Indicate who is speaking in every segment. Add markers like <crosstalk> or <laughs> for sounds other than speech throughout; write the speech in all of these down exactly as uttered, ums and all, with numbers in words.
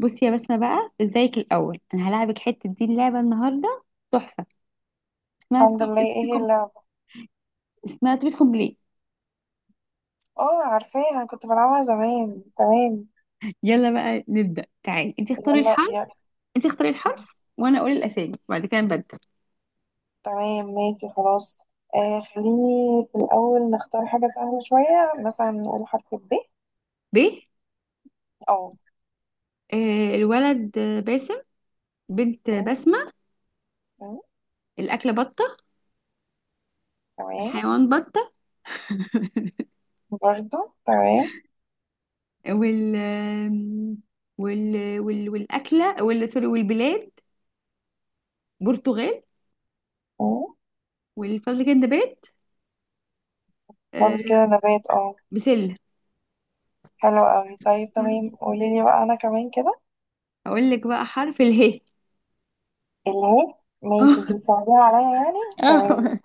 Speaker 1: بصي يا بسمة بقى، ازيك الأول؟ أنا هلاعبك حتة دي اللعبة النهاردة، تحفة. اسمها
Speaker 2: الحمد
Speaker 1: ستوب.
Speaker 2: لله. ايه هي اللعبة؟
Speaker 1: اسمها توبيس كومبلي.
Speaker 2: اه، عارفاها، انا كنت بلعبها زمان. تمام.
Speaker 1: يلا بقى نبدأ، تعالي انت اختاري
Speaker 2: يلا
Speaker 1: الحرف.
Speaker 2: يلا.
Speaker 1: انت اختاري الحرف وأنا أقول الأسامي، وبعد كده نبدل.
Speaker 2: تمام، ماشي، خلاص. آه خليني في الأول نختار حاجة سهلة شوية، مثلا نقول حرف ب.
Speaker 1: ب.
Speaker 2: اه.
Speaker 1: آه، الولد آه، باسم. بنت آه،
Speaker 2: م-
Speaker 1: بسمة.
Speaker 2: م-
Speaker 1: الأكلة بطة.
Speaker 2: تمام.
Speaker 1: والحيوان بطة.
Speaker 2: برضو. تمام.
Speaker 1: وال آم، وال وال والأكلة وال سوري، والبلاد برتغال.
Speaker 2: م.
Speaker 1: والفضل كان نبات. آه،
Speaker 2: فاضل كده نبات، اه.
Speaker 1: بسلة.
Speaker 2: حلو اوي، طيب تمام، قوليلي بقى انا كمان كده.
Speaker 1: هقول لك بقى حرف اله.
Speaker 2: اله. ماشي،
Speaker 1: اه.
Speaker 2: انت بتصعبيها عليا يعني.
Speaker 1: <laughs>
Speaker 2: تمام.
Speaker 1: اه.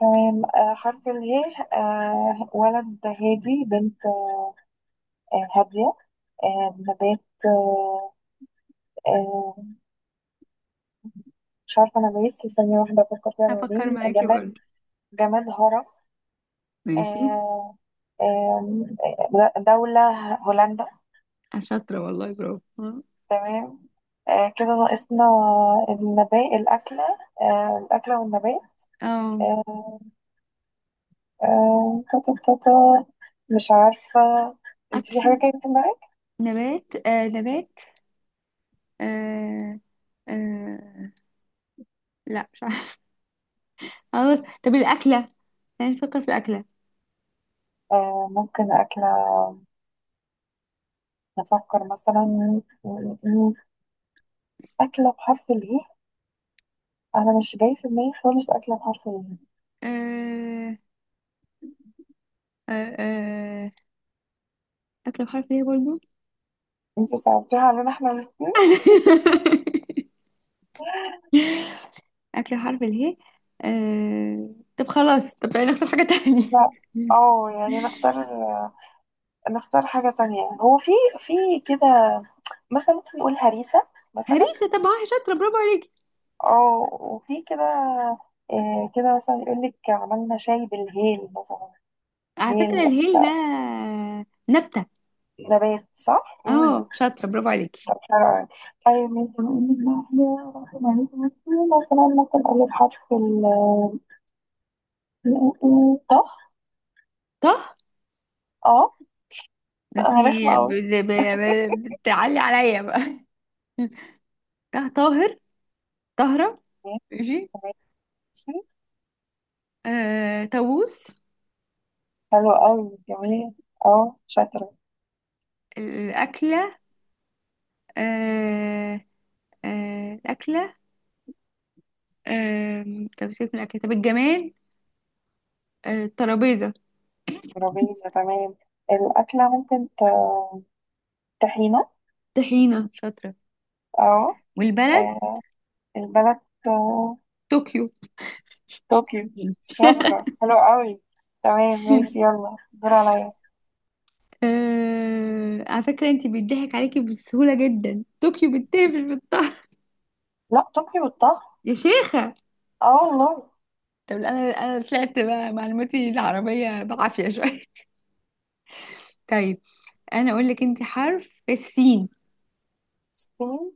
Speaker 2: تمام. آه حرف اله. آه ولد هادي، بنت آه، هادية. آه، نبات. آه، آه، مش عارفة نبات، في ثانية واحدة أفكر فيها.
Speaker 1: هفكر
Speaker 2: بعدين
Speaker 1: معاكي
Speaker 2: جماد.
Speaker 1: برضه.
Speaker 2: جماد هرة.
Speaker 1: ماشي.
Speaker 2: آه، آم، آه، دولة هولندا.
Speaker 1: شاطرة والله، برافو. اه.
Speaker 2: تمام. آه، كده ناقصنا النبات الأكلة. آه، الأكلة والنبات.
Speaker 1: آه،
Speaker 2: آه، آه، تاتا تاتا، مش عارفة. انت في حاجة
Speaker 1: أكل.
Speaker 2: كده في دماغك؟
Speaker 1: نبات آه نبات آه آه لا مش عارفة. <laughs> خلاص. طب الأكلة، يعني نفكر في الأكلة.
Speaker 2: آه، ممكن أكلة. نفكر مثلا م- م- أكلة بحرف الإيه؟ أنا مش جاي في دماغي خالص أكلة بحرف الإيه.
Speaker 1: آه آه آه أكلة بحرف ايه برضه.
Speaker 2: انت صعبتيها علينا احنا الاثنين.
Speaker 1: <laughs> أكلة بحرف اله. آه طب خلاص. طب تعالي نختار حاجة تانية.
Speaker 2: لا. اه يعني نختار نختار حاجة تانية. هو في في كده مثلا، ممكن نقول هريسة.
Speaker 1: <laughs>
Speaker 2: مثلا.
Speaker 1: هريسة، طب اه شاطرة برافو عليكي.
Speaker 2: اه وفي كده. آه، كده مثلا يقول لك عملنا شاي بالهيل مثلا.
Speaker 1: على فكرة
Speaker 2: هيل
Speaker 1: الهيل ده
Speaker 2: شا-
Speaker 1: نبتة.
Speaker 2: نبات، صح؟ امم
Speaker 1: اه شاطرة برافو عليكي.
Speaker 2: طب حلو أوي. طيب انت بقول لك بقى حاجة رقم عليكي، مثلا مثلاً ممكن اقول لك حرف ال ال- ال- ط.
Speaker 1: طه.
Speaker 2: اه. انا رخمة
Speaker 1: انتي ب-
Speaker 2: قوي.
Speaker 1: ب- ب- يعني بتعلي عليا بقى. <laughs> ط- طاهر. طهرة. ماشي. آه... طاووس.
Speaker 2: حلو قوي، جميل. اه، شاطرة.
Speaker 1: الأكلة. آه... آه... الأكلة. آه... طب سيبك من الأكلة، طب الجمال. آه... الترابيزة.
Speaker 2: ترابيزة، تمام. الأكلة ممكن ت- طحينة.
Speaker 1: طحينة، شاطرة.
Speaker 2: اه.
Speaker 1: والبلد
Speaker 2: آه، البلد آه،
Speaker 1: طوكيو.
Speaker 2: طوكيو.
Speaker 1: <laughs>
Speaker 2: شاطرة، حلو قوي. تمام، ماشي، يلا دور عليا.
Speaker 1: آه... على فكرة انتي بيضحك عليكي بسهولة جدا. طوكيو بالتاء مش بالطه.
Speaker 2: لا، طوكيو الطهي.
Speaker 1: يا شيخة.
Speaker 2: اه والله.
Speaker 1: طب انا انا طلعت بقى معلوماتي العربية بعافية شوية. طيب انا اقول لك انت حرف السين.
Speaker 2: الصين.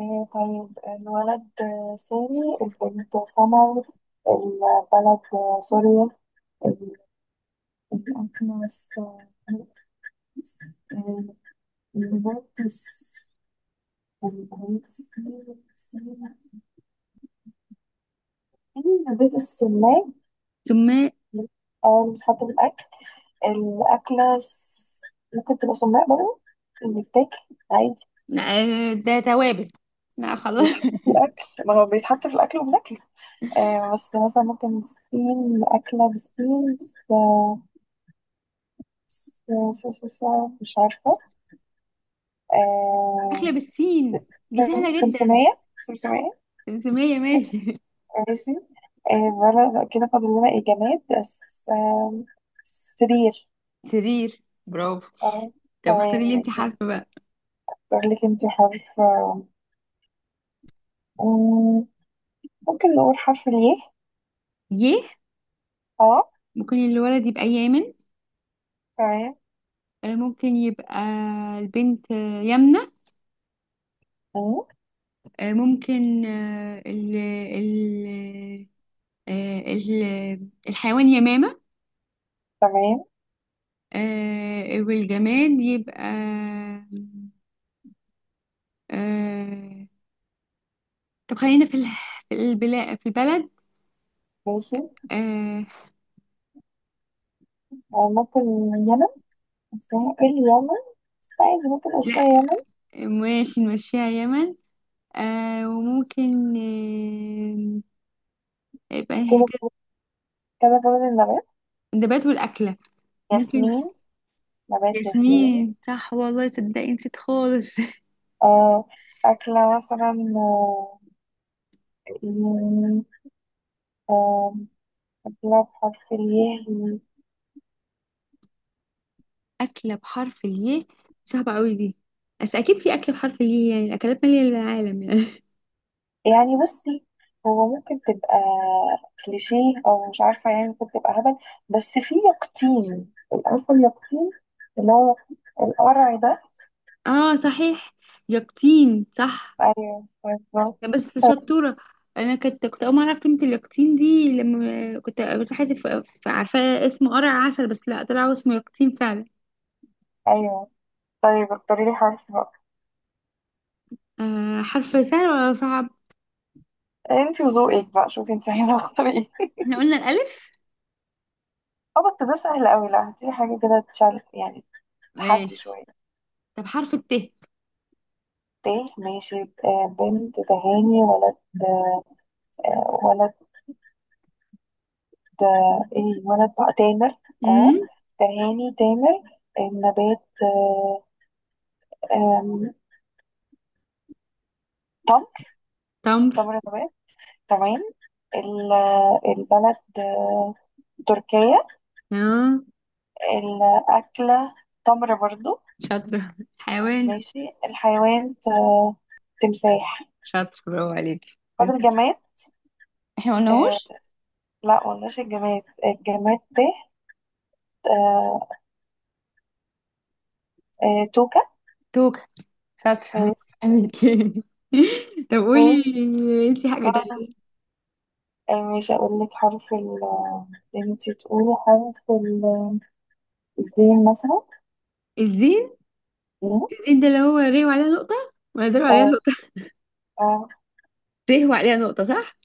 Speaker 2: آه، طيب الولد آه، سامي، البنت سمر. البلد آه، سوريا. ال- الأكلة الس- آه، البنت. أنا بيت السماق.
Speaker 1: ثم
Speaker 2: اه، اللي بتحط بالأكل. الأكلة س- ممكن تبقى سماق برضه، بيتاكل عادي،
Speaker 1: آه، ده توابل. لا خلاص.
Speaker 2: بيتحط في الأكل، ما هو بيتحط في الأكل وبناكله. آه، بس مثلا ممكن سين أكلة بالسين. س- س- س- س- س- مش عارفة.
Speaker 1: <laughs>
Speaker 2: آه.
Speaker 1: اكله بالسين دي سهله جدا.
Speaker 2: سمسمية سمسمية.
Speaker 1: سمسميه، ماشي.
Speaker 2: ماشي. آه بلا- كده فاضل لنا إيه، جماد بس. آه، سرير.
Speaker 1: <laughs> سرير، برافو.
Speaker 2: اه.
Speaker 1: طب
Speaker 2: تمام،
Speaker 1: اختاري لي انت
Speaker 2: ماشي.
Speaker 1: حرف بقى.
Speaker 2: اختار لك انت حرف آه، مم، ممكن نقول حرف الياء.
Speaker 1: ي.
Speaker 2: اه.
Speaker 1: ممكن الولد يبقى يامن.
Speaker 2: تمام.
Speaker 1: آه، ممكن يبقى البنت آه، يمنة.
Speaker 2: مم،
Speaker 1: آه، ممكن آه، ال ال آه، ال- الحيوان يمامة.
Speaker 2: تمام،
Speaker 1: آه، والجماد يبقى. آه، طب خلينا في ال- في البلاد في البلد.
Speaker 2: ماشي.
Speaker 1: آه.
Speaker 2: آه، ممكن يمن. بس ممكن يمن. بس عايز ممكن اشياء
Speaker 1: لا
Speaker 2: يمن.
Speaker 1: ماشي، نمشيها يمن. آه وممكن آه يبقى هي
Speaker 2: كده.
Speaker 1: كده.
Speaker 2: كده جوز النبات،
Speaker 1: النبات والأكلة ممكن
Speaker 2: ياسمين. نبات ياسمين.
Speaker 1: ياسمين، صح. والله تصدقي نسيت خالص. <laughs>
Speaker 2: آه، أكلة مثلا آه، مم، آه، أكلة بحرف الياء.
Speaker 1: أكلة بحرف الياء. صعبة قوي دي، بس أكيد في أكلة بحرف الياء، يعني الأكلات مالية العالم يعني.
Speaker 2: يعني بصي، هو ممكن تبقى كليشيه او مش عارفه، يعني ممكن تبقى هبل، بس في يقطين. عارفه اليقطين، اللي هو القرع ده.
Speaker 1: <laughs> اه صحيح، يقطين صح.
Speaker 2: ايوه، بالظبط.
Speaker 1: بس شطورة. انا كنت كنت اول ما اعرف كلمة اليقطين دي، لما كنت قابلت حد ف- ف- عارفة اسمه قرع عسل، بس لا طلع اسمه يقطين فعلا.
Speaker 2: ايوه. طيب اختاري لي حرف بقى.
Speaker 1: آه، حرف سهل ولا صعب؟
Speaker 2: انت وذوقك بقى، شوفي انت عايزه تختاري ايه.
Speaker 1: احنا قلنا الالف.
Speaker 2: اه بس ده سهل قوي، لا هاتي لي حاجه كده تشال يعني، تحدي
Speaker 1: ماشي،
Speaker 2: شويه.
Speaker 1: طب حرف الت.
Speaker 2: ت، ماشي. آه، بنت تهاني، ولد آه، ولد ده، الولد بقى تامر. اه،
Speaker 1: امم،
Speaker 2: تهاني تامر. النبات آه، آم، تمر.
Speaker 1: تمر.
Speaker 2: تمر نبات، تمام. ال- البلد آه، تركيا.
Speaker 1: اه
Speaker 2: الأكلة تمر برضو.
Speaker 1: شاطرة. حيوان.
Speaker 2: ماشي. الحيوان ت- تمساح.
Speaker 1: شاطر، برافو عليكي.
Speaker 2: فاضل
Speaker 1: كنت-
Speaker 2: جماد.
Speaker 1: احنا
Speaker 2: آه،
Speaker 1: قلناهوش.
Speaker 2: لا قلناش الجماد، الجماد تحت. آه، آه توكة.
Speaker 1: توكة، شاطرة برافو
Speaker 2: ماشي.
Speaker 1: عليكي. <laughs> طب قولي
Speaker 2: ماشي.
Speaker 1: انتي حاجة
Speaker 2: آه،
Speaker 1: تانية.
Speaker 2: آه، ماشي، أقول لك حرف ال، انتي تقولي حرف ال- الزين مثلا.
Speaker 1: الزين.
Speaker 2: مم.
Speaker 1: الزين ده اللي هو ري وعليها نقطة، ولا ده اللي عليها
Speaker 2: اه. اه،
Speaker 1: ت وعليها نقطة، صح؟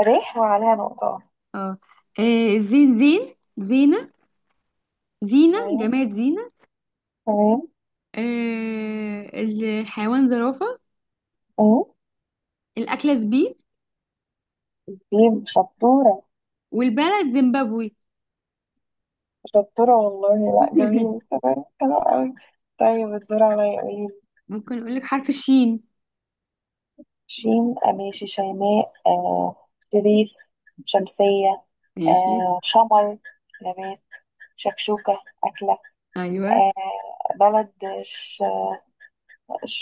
Speaker 2: ريح وعليها نقطة.
Speaker 1: اه. آه، زين، زين، زينة. زينة،
Speaker 2: تمام.
Speaker 1: جماد زينة.
Speaker 2: تمام.
Speaker 1: آه، الحيوان زرافة.
Speaker 2: مم.
Speaker 1: الأكلة زبيب.
Speaker 2: طيب شطورة.
Speaker 1: والبلد زيمبابوي.
Speaker 2: شطورة والله، لا جميل،
Speaker 1: <laughs>
Speaker 2: تمام حلو قوي. طيب الدور عليا، قولي.
Speaker 1: ممكن أقول لك حرف الشين.
Speaker 2: شين آه، ماشي، شيماء، آه شريف، شمسية.
Speaker 1: ماشي.
Speaker 2: آه شمر، نبات. شكشوكة أكلة.
Speaker 1: أيوة.
Speaker 2: آه، بلد. ش... ش...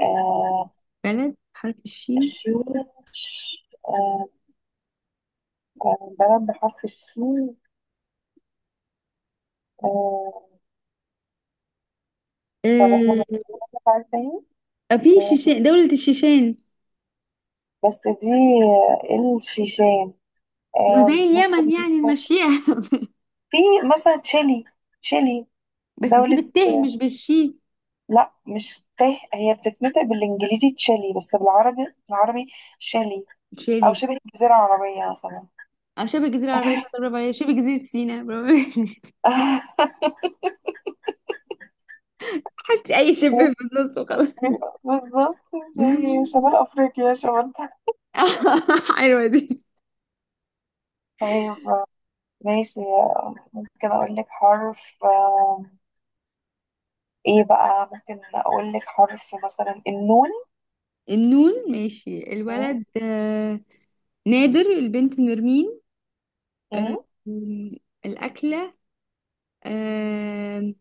Speaker 2: آه
Speaker 1: بلد حرف الشين،
Speaker 2: شين. ش... آه آه، بلد بحرف الشين. آه، طب احنا
Speaker 1: آه،
Speaker 2: بنتكلم عن تاني.
Speaker 1: في
Speaker 2: آه،
Speaker 1: شيشان، دولة الشيشان.
Speaker 2: بس دي آه، الشيشان.
Speaker 1: وزي
Speaker 2: آه، ممكن
Speaker 1: اليمن يعني
Speaker 2: مثلا،
Speaker 1: المشيئة. <laughs>
Speaker 2: في مثلا تشيلي. تشيلي،
Speaker 1: بس دي
Speaker 2: دولة
Speaker 1: بالت
Speaker 2: آه،
Speaker 1: مش بالشين.
Speaker 2: لا مش ته، هي بتتنطق بالانجليزي تشيلي، بس بالعربي بالعربي شيلي. او
Speaker 1: شيلي.
Speaker 2: شبه الجزيرة العربية مثلا.
Speaker 1: اه، شبه الجزيرة العربية، شاطر برافو عليك. شبه جزيرة سيناء، برافو عليك.
Speaker 2: <laughs>
Speaker 1: <laughs> حطي أي شبه في النص وخلاص.
Speaker 2: بالظبط. زي
Speaker 1: <laughs>
Speaker 2: شمال افريقيا شمال تحت.
Speaker 1: <laughs> حلوة دي.
Speaker 2: طيب، ماشي. ممكن اقول لك حرف آه، ايه بقى، ممكن اقول لك حرف مثلا النون.
Speaker 1: النون، ماشي. الولد آه، نادر. البنت نرمين. آه،
Speaker 2: مم.
Speaker 1: الأكلة. آه،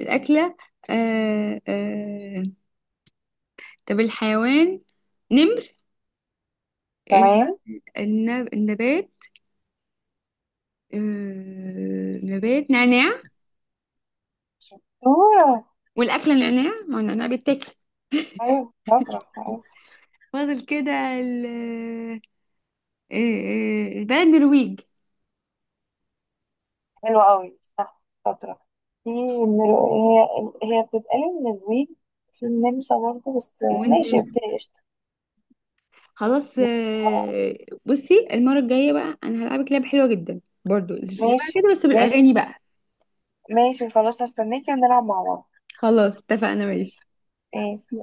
Speaker 1: الأكلة. آه، آه، طب الحيوان نمر. ال-
Speaker 2: تمام.
Speaker 1: النب- النبات. آه، نبات نعناع.
Speaker 2: دورة.
Speaker 1: والأكلة نعناع، ما هو النعناع بيتاكل.
Speaker 2: أيوة، شاطرة كويس.
Speaker 1: فاضل كده ال- آه، آه، البلد نرويج.
Speaker 2: حلوة أوي، صح، شاطرة. في من ال- هي هي بتتقال من الويج، في النمسا برضه بس. ماشي، أوكي، قشطة.
Speaker 1: خلاص. آه، بصي المرة الجاية بقى، انا هلعبك لعبة حلوة جدا برضو شبه
Speaker 2: ماشي،
Speaker 1: كده، بس
Speaker 2: ماشي،
Speaker 1: بالاغاني بقى.
Speaker 2: ماشي، خلاص هستناكي ونلعب مع بعض.
Speaker 1: خلاص اتفقنا، ماشي.
Speaker 2: ماشي. ماشي.